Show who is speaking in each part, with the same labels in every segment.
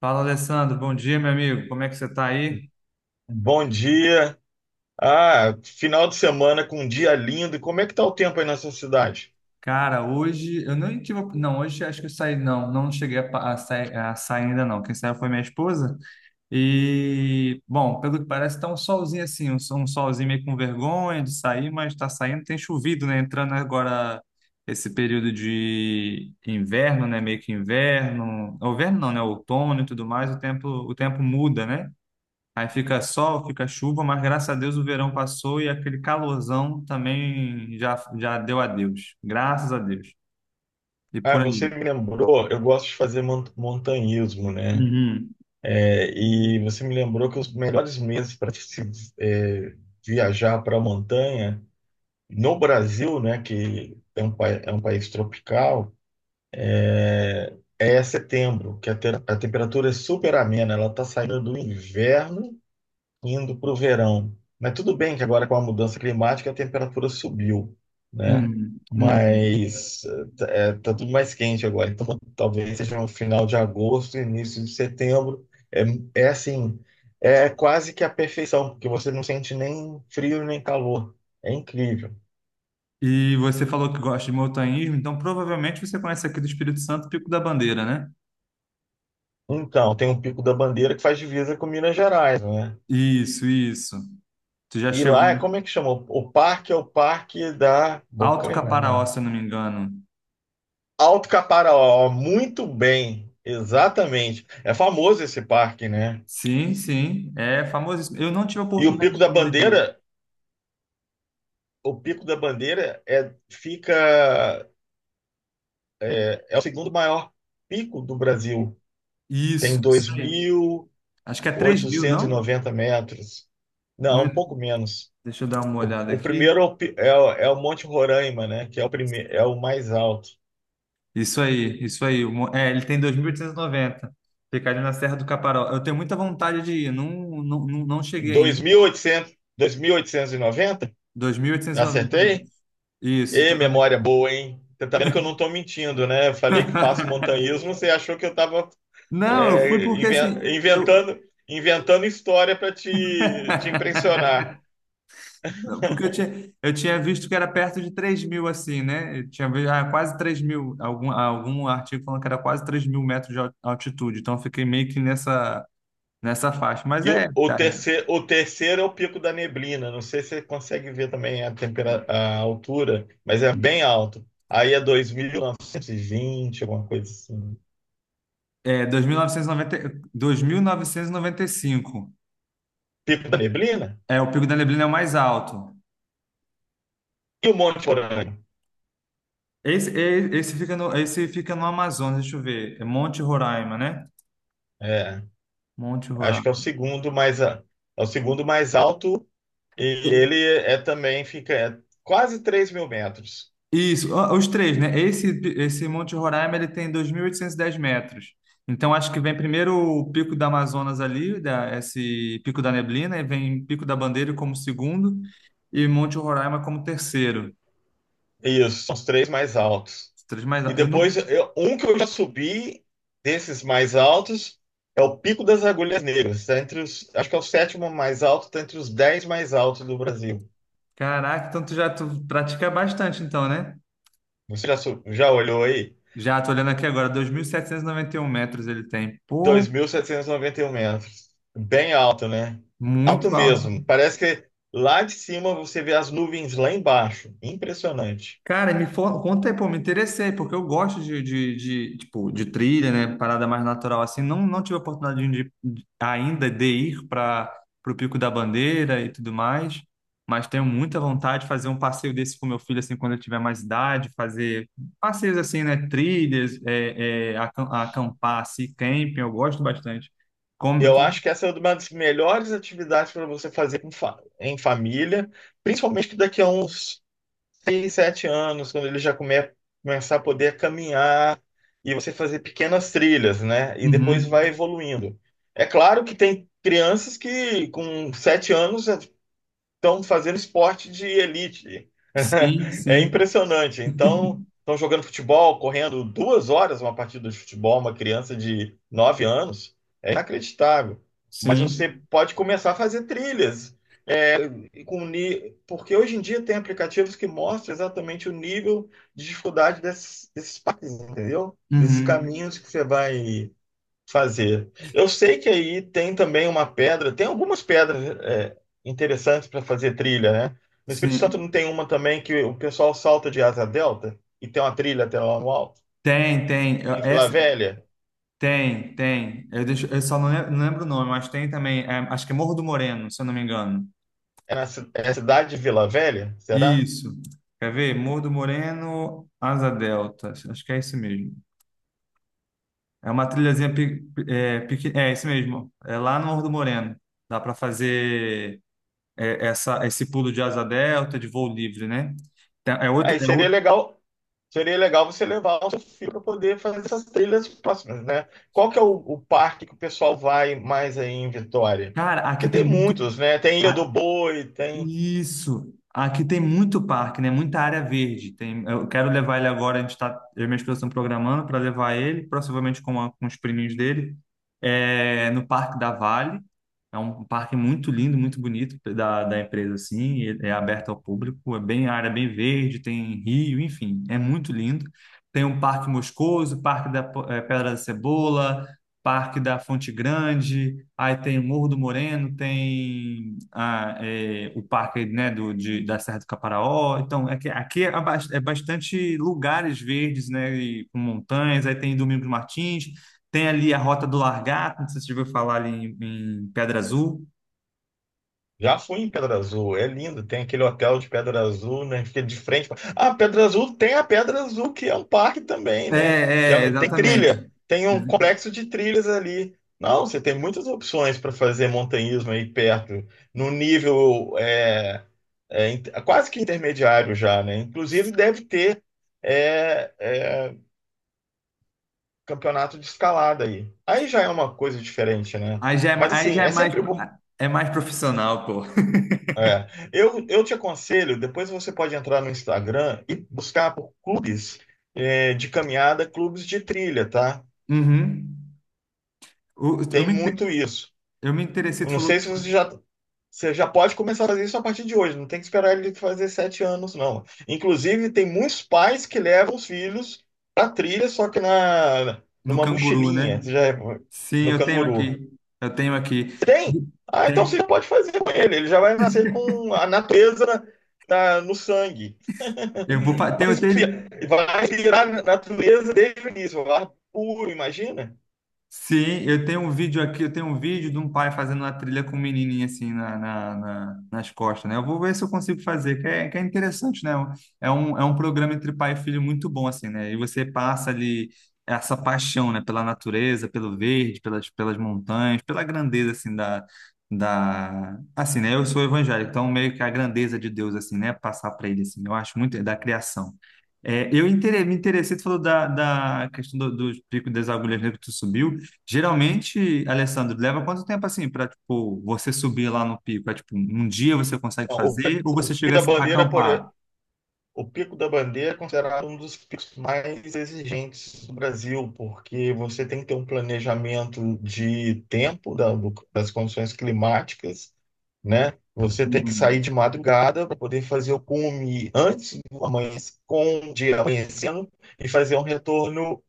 Speaker 1: Fala, Alessandro. Bom dia, meu amigo. Como é que você tá aí?
Speaker 2: Bom dia. Ah, final de semana com um dia lindo. E como é que tá o tempo aí na sua cidade?
Speaker 1: Cara, hoje eu não tive. Não, hoje acho que eu saí. Não, não cheguei a sair ainda, não. Quem saiu foi minha esposa. E, bom, pelo que parece, tá um solzinho assim, um solzinho meio com vergonha de sair, mas tá saindo. Tem chovido, né? Entrando agora esse período de inverno, né? Meio que inverno. Inverno não, né? Outono e tudo mais. O tempo muda, né? Aí fica sol, fica chuva, mas graças a Deus o verão passou e aquele calorzão também já deu adeus. Graças a Deus. E
Speaker 2: Ah,
Speaker 1: por aí.
Speaker 2: você me lembrou, eu gosto de fazer montanhismo, né?
Speaker 1: Uhum,
Speaker 2: É, e você me lembrou que os melhores meses para se é, viajar para a montanha no Brasil, né, que é um país tropical, é setembro, que a temperatura é super amena, ela está saindo do inverno indo para o verão. Mas tudo bem que agora com a mudança climática a temperatura subiu, né?
Speaker 1: uhum, uhum.
Speaker 2: Mas tá tudo mais quente agora. Então talvez seja no final de agosto, início de setembro. É, É assim, é quase que a perfeição, porque você não sente nem frio nem calor. É incrível.
Speaker 1: E você falou que gosta de montanhismo, então provavelmente você conhece aqui do Espírito Santo, Pico da Bandeira, né?
Speaker 2: Então, tem o Pico da Bandeira que faz divisa com Minas Gerais, né?
Speaker 1: Isso, isso. Tu já
Speaker 2: E
Speaker 1: chegou
Speaker 2: lá é
Speaker 1: em
Speaker 2: como é que chama? O parque é o parque da
Speaker 1: Alto
Speaker 2: Bocaina,
Speaker 1: Caparaó,
Speaker 2: não.
Speaker 1: se eu não me engano.
Speaker 2: Alto Caparaó, muito bem, exatamente. É famoso esse parque, né?
Speaker 1: Sim, sim, é famosíssimo. Eu não tive a
Speaker 2: E o Pico
Speaker 1: oportunidade
Speaker 2: da
Speaker 1: ainda de ir.
Speaker 2: Bandeira, o Pico da Bandeira é, fica, é o segundo maior pico do Brasil. Tem
Speaker 1: Isso
Speaker 2: dois
Speaker 1: aí.
Speaker 2: mil
Speaker 1: Acho que é 3.000,
Speaker 2: oitocentos e
Speaker 1: não?
Speaker 2: noventa metros.
Speaker 1: Não
Speaker 2: Não,
Speaker 1: é?
Speaker 2: um pouco menos.
Speaker 1: Deixa eu dar uma
Speaker 2: O,
Speaker 1: olhada
Speaker 2: o
Speaker 1: aqui.
Speaker 2: primeiro é o Monte Roraima, né? Que é o primeiro, é o mais alto.
Speaker 1: Isso aí, isso aí. É, ele tem 2.890. Fica ali na Serra do Caparó. Eu tenho muita vontade de ir. Não, não, não cheguei
Speaker 2: Dois dois
Speaker 1: em
Speaker 2: mil mil oitocentos, dois mil oitocentos e noventa.
Speaker 1: 2.890
Speaker 2: Acertei?
Speaker 1: metros. Isso,
Speaker 2: Ê,
Speaker 1: tô vendo
Speaker 2: memória
Speaker 1: aqui.
Speaker 2: boa, hein? Você tá vendo que eu não tô mentindo, né? Eu falei que faço montanhismo, você achou que eu tava
Speaker 1: Não, eu fui
Speaker 2: é,
Speaker 1: porque
Speaker 2: inven-
Speaker 1: assim, eu
Speaker 2: inventando, inventando história para te impressionar.
Speaker 1: Não, porque eu tinha visto que era perto de 3.000, assim, né? Eu tinha visto, ah, quase 3.000. Algum artigo falando que era quase 3.000 metros de altitude. Então, eu fiquei meio que nessa faixa. Mas
Speaker 2: E
Speaker 1: é,
Speaker 2: o, o
Speaker 1: tá,
Speaker 2: terceiro, o terceiro é o Pico da Neblina. Não sei se você consegue ver também a altura, mas é bem alto. Aí é 2.920, alguma coisa assim.
Speaker 1: é, 2.990, 2.995.
Speaker 2: Pico da Neblina?
Speaker 1: É, o Pico da Neblina é o mais alto.
Speaker 2: E o Monte Porã?
Speaker 1: Esse fica no Amazonas, deixa eu ver. É Monte Roraima, né?
Speaker 2: É,
Speaker 1: Monte
Speaker 2: acho que é o
Speaker 1: Roraima.
Speaker 2: segundo mais, a- é o segundo mais alto. E ele também fica quase 3.000 metros.
Speaker 1: Isso, ó, os três, né? Esse Monte Roraima, ele tem 2.810 metros. Então, acho que vem primeiro o Pico da Amazonas ali, esse Pico da Neblina, e vem Pico da Bandeira como segundo e Monte Roraima como terceiro.
Speaker 2: Isso, são os três mais altos.
Speaker 1: Os três mais.
Speaker 2: E
Speaker 1: Eu não.
Speaker 2: depois, um que eu já subi desses mais altos é o Pico das Agulhas Negras. Tá entre os, acho que é o sétimo mais alto, tá entre os 10 mais altos do Brasil.
Speaker 1: Caraca, então tu pratica bastante, então, né?
Speaker 2: Você já olhou aí?
Speaker 1: Já, tô olhando aqui agora, dois mil setecentos e noventa e um metros ele tem.
Speaker 2: Dois
Speaker 1: Pô,
Speaker 2: mil setecentos e noventa e um metros. Bem alto, né? Alto
Speaker 1: muito alto.
Speaker 2: mesmo. Parece que lá de cima você vê as nuvens lá embaixo. Impressionante.
Speaker 1: Cara, conta aí, pô, me interessei, porque eu gosto de, tipo, de trilha, né? Parada mais natural assim. Não, não tive a oportunidade de, ainda de ir para o Pico da Bandeira e tudo mais, mas tenho muita vontade de fazer um passeio desse com meu filho, assim, quando ele tiver mais idade, fazer passeios assim, né? Trilhas, acampar, assim, camping, eu gosto bastante. Como,
Speaker 2: Eu
Speaker 1: como...
Speaker 2: acho que essa é uma das melhores atividades para você fazer com em família, principalmente que daqui a uns 6, 7 anos, quando ele já começar a poder caminhar e você fazer pequenas trilhas, né? E depois
Speaker 1: Uhum.
Speaker 2: vai evoluindo. É claro que tem crianças que com 7 anos estão fazendo esporte de elite.
Speaker 1: Sim,
Speaker 2: É
Speaker 1: sim.
Speaker 2: impressionante. Então, estão jogando futebol, correndo 2 horas uma partida de futebol, uma criança de 9 anos. É inacreditável. Mas você
Speaker 1: Sim.
Speaker 2: pode começar a fazer trilhas. é, Porque hoje em dia tem aplicativos que mostram exatamente o nível de dificuldade desses parques, entendeu? Desses
Speaker 1: Uhum.
Speaker 2: caminhos que você vai fazer. Eu sei que aí tem também uma pedra, tem algumas pedras interessantes para fazer trilha, né? No Espírito Santo
Speaker 1: Sim.
Speaker 2: não tem uma também que o pessoal salta de asa delta e tem uma trilha até lá no alto?
Speaker 1: Tem, tem.
Speaker 2: Em Vila
Speaker 1: Essa,
Speaker 2: Velha?
Speaker 1: tem, tem. Eu só não lembro o nome, mas tem também. Acho que é Morro do Moreno, se eu não me engano.
Speaker 2: É a cidade de Vila Velha? Será?
Speaker 1: Isso. Quer ver? Morro do Moreno, Asa Delta. Acho que é isso mesmo. É uma trilhazinha é isso mesmo. É lá no Morro do Moreno. Dá para fazer esse pulo de asa delta, de voo livre, né? Então, é outro,
Speaker 2: Aí
Speaker 1: é outro.
Speaker 2: seria legal você levar o seu filho para poder fazer essas trilhas próximas, né? Qual que é o parque que o pessoal vai mais aí em Vitória?
Speaker 1: Cara, aqui
Speaker 2: Porque
Speaker 1: tem
Speaker 2: tem
Speaker 1: muito.
Speaker 2: muitos, né? Tem Ilha do Boi, tem.
Speaker 1: Isso. Aqui tem muito parque, né? Muita área verde. Tem, eu quero levar ele agora. A gente tá, eu e minha esposa estão programando para levar ele, provavelmente com os priminhos dele, no Parque da Vale. É um parque muito lindo, muito bonito da empresa, assim. Ele é aberto ao público, é bem área é bem verde, tem rio, enfim, é muito lindo. Tem um Parque Moscoso, Parque da Pedra da Cebola, Parque da Fonte Grande. Aí tem o Morro do Moreno, tem o parque, né, da Serra do Caparaó. Então, é que aqui é, é bastante lugares verdes, né, e com montanhas. Aí tem Domingos Martins, tem ali a Rota do Largato, não sei se você já ouviu falar ali em Pedra Azul.
Speaker 2: Já fui em Pedra Azul, é lindo. Tem aquele hotel de Pedra Azul, né? Fica de frente. Ah, Pedra Azul tem a Pedra Azul, que é um parque também, né? Que
Speaker 1: É, é,
Speaker 2: tem
Speaker 1: exatamente.
Speaker 2: trilha, tem um complexo de trilhas ali. Não, você tem muitas opções para fazer montanhismo aí perto, no nível é quase que intermediário já, né? Inclusive deve ter é, é, campeonato de escalada aí. Aí já é uma coisa diferente, né?
Speaker 1: Aí já é, ma-
Speaker 2: Mas
Speaker 1: aí
Speaker 2: assim,
Speaker 1: já
Speaker 2: é sempre bom.
Speaker 1: é mais profissional, pô.
Speaker 2: É, eu te aconselho, depois você pode entrar no Instagram e buscar por clubes de caminhada, clubes de trilha, tá?
Speaker 1: Uhum. O- Eu,
Speaker 2: Tem
Speaker 1: me, inte-
Speaker 2: muito isso.
Speaker 1: eu me interessei,
Speaker 2: Eu
Speaker 1: tu
Speaker 2: não
Speaker 1: falou
Speaker 2: sei
Speaker 1: que
Speaker 2: se
Speaker 1: isso-
Speaker 2: você já pode começar a fazer isso a partir de hoje, não tem que esperar ele fazer 7 anos, não. Inclusive, tem muitos pais que levam os filhos pra trilha, só que
Speaker 1: no
Speaker 2: numa
Speaker 1: canguru, né?
Speaker 2: mochilinha, você já,
Speaker 1: Sim,
Speaker 2: no
Speaker 1: eu tenho
Speaker 2: canguru.
Speaker 1: aqui. Eu tenho aqui.
Speaker 2: Tem? Ah, então você
Speaker 1: Tem,
Speaker 2: já pode fazer com ele, ele já vai nascer com a natureza no sangue. Vai
Speaker 1: tenho,
Speaker 2: respirar, vai respirar a natureza desde o início, o ar puro, imagina?
Speaker 1: sim, eu tenho um vídeo aqui, eu tenho um vídeo de um pai fazendo uma trilha com um menininho assim nas costas, né? Eu vou ver se eu consigo fazer, que é interessante, né? É um programa entre pai e filho muito bom, assim, né? E você passa ali essa paixão, né? Pela natureza, pelo verde, pelas montanhas, pela grandeza, assim, da. Assim, né? Eu sou evangélico, então meio que a grandeza de Deus, assim, né? Passar para ele, assim, eu acho muito, é da criação. É, me interessei, tu falou da questão dos picos das agulhas negras que tu subiu. Geralmente, Alessandro, leva quanto tempo assim para tipo você subir lá no pico? É tipo um dia você consegue
Speaker 2: O,
Speaker 1: fazer ou
Speaker 2: o
Speaker 1: você
Speaker 2: pico
Speaker 1: chega a
Speaker 2: da
Speaker 1: a
Speaker 2: bandeira, por,
Speaker 1: acampar?
Speaker 2: o pico da bandeira é considerado um dos picos mais exigentes do Brasil, porque você tem que ter um planejamento de tempo das condições climáticas, né? Você tem que sair
Speaker 1: Uhum.
Speaker 2: de madrugada para poder fazer o cume antes do amanhecer, com o dia amanhecendo e fazer um retorno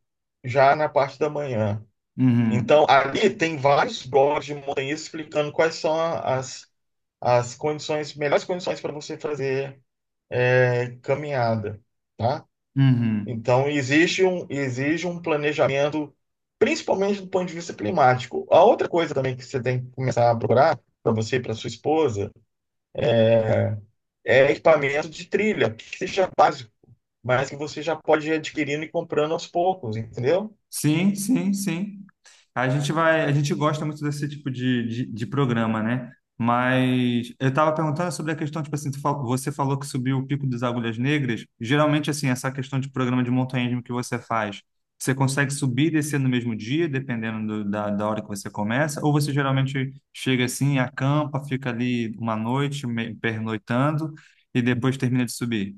Speaker 2: já na parte da manhã.
Speaker 1: Uhum.
Speaker 2: Então, ali tem vários blogs de montanhismo explicando quais são melhores condições para você fazer caminhada, tá?
Speaker 1: Uhum.
Speaker 2: Então, exige um planejamento, principalmente do ponto de vista climático. A outra coisa também que você tem que começar a procurar para você e para sua esposa é equipamento de trilha, que seja básico, mas que você já pode ir adquirindo e comprando aos poucos, entendeu?
Speaker 1: Sim, sim, sim. A gente gosta muito desse tipo de programa, né? Mas eu estava perguntando sobre a questão, tipo assim, você falou que subiu o Pico das Agulhas Negras. Geralmente, assim, essa questão de programa de montanhismo que você faz, você consegue subir e descer no mesmo dia, dependendo da hora que você começa? Ou você geralmente chega assim, acampa, fica ali uma noite, pernoitando, e depois termina de subir?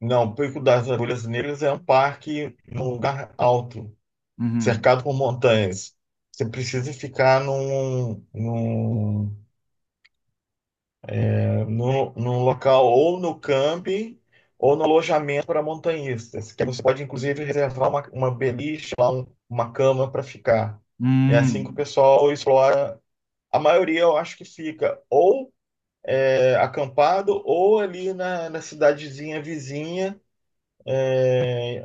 Speaker 2: Não, o Pico das Agulhas Negras é um parque num lugar alto,
Speaker 1: Uhum.
Speaker 2: cercado por montanhas. Você precisa ficar num local ou no camping ou no alojamento para montanhistas, que você pode inclusive reservar uma beliche, uma cama para ficar. É assim que o
Speaker 1: Hum,
Speaker 2: pessoal explora. A maioria eu acho que fica ou acampado ou ali na cidadezinha vizinha,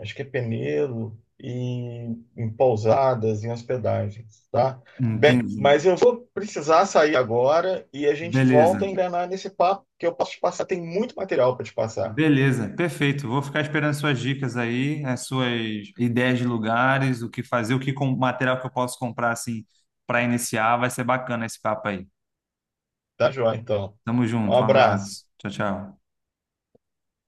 Speaker 2: acho que é Peneiro, e em pousadas, em hospedagens, tá? Bem,
Speaker 1: Entendi.
Speaker 2: mas eu vou precisar sair agora e a gente
Speaker 1: Beleza.
Speaker 2: volta a engrenar nesse papo que eu posso te passar. Tem muito material para te passar,
Speaker 1: Beleza, perfeito. Vou ficar esperando suas dicas aí, as suas ideias de lugares, o que fazer, o que com material que eu posso comprar assim para iniciar. Vai ser bacana esse papo aí.
Speaker 2: tá, João? Então,
Speaker 1: Tamo
Speaker 2: um
Speaker 1: junto, um
Speaker 2: abraço.
Speaker 1: abraço. Tchau, tchau.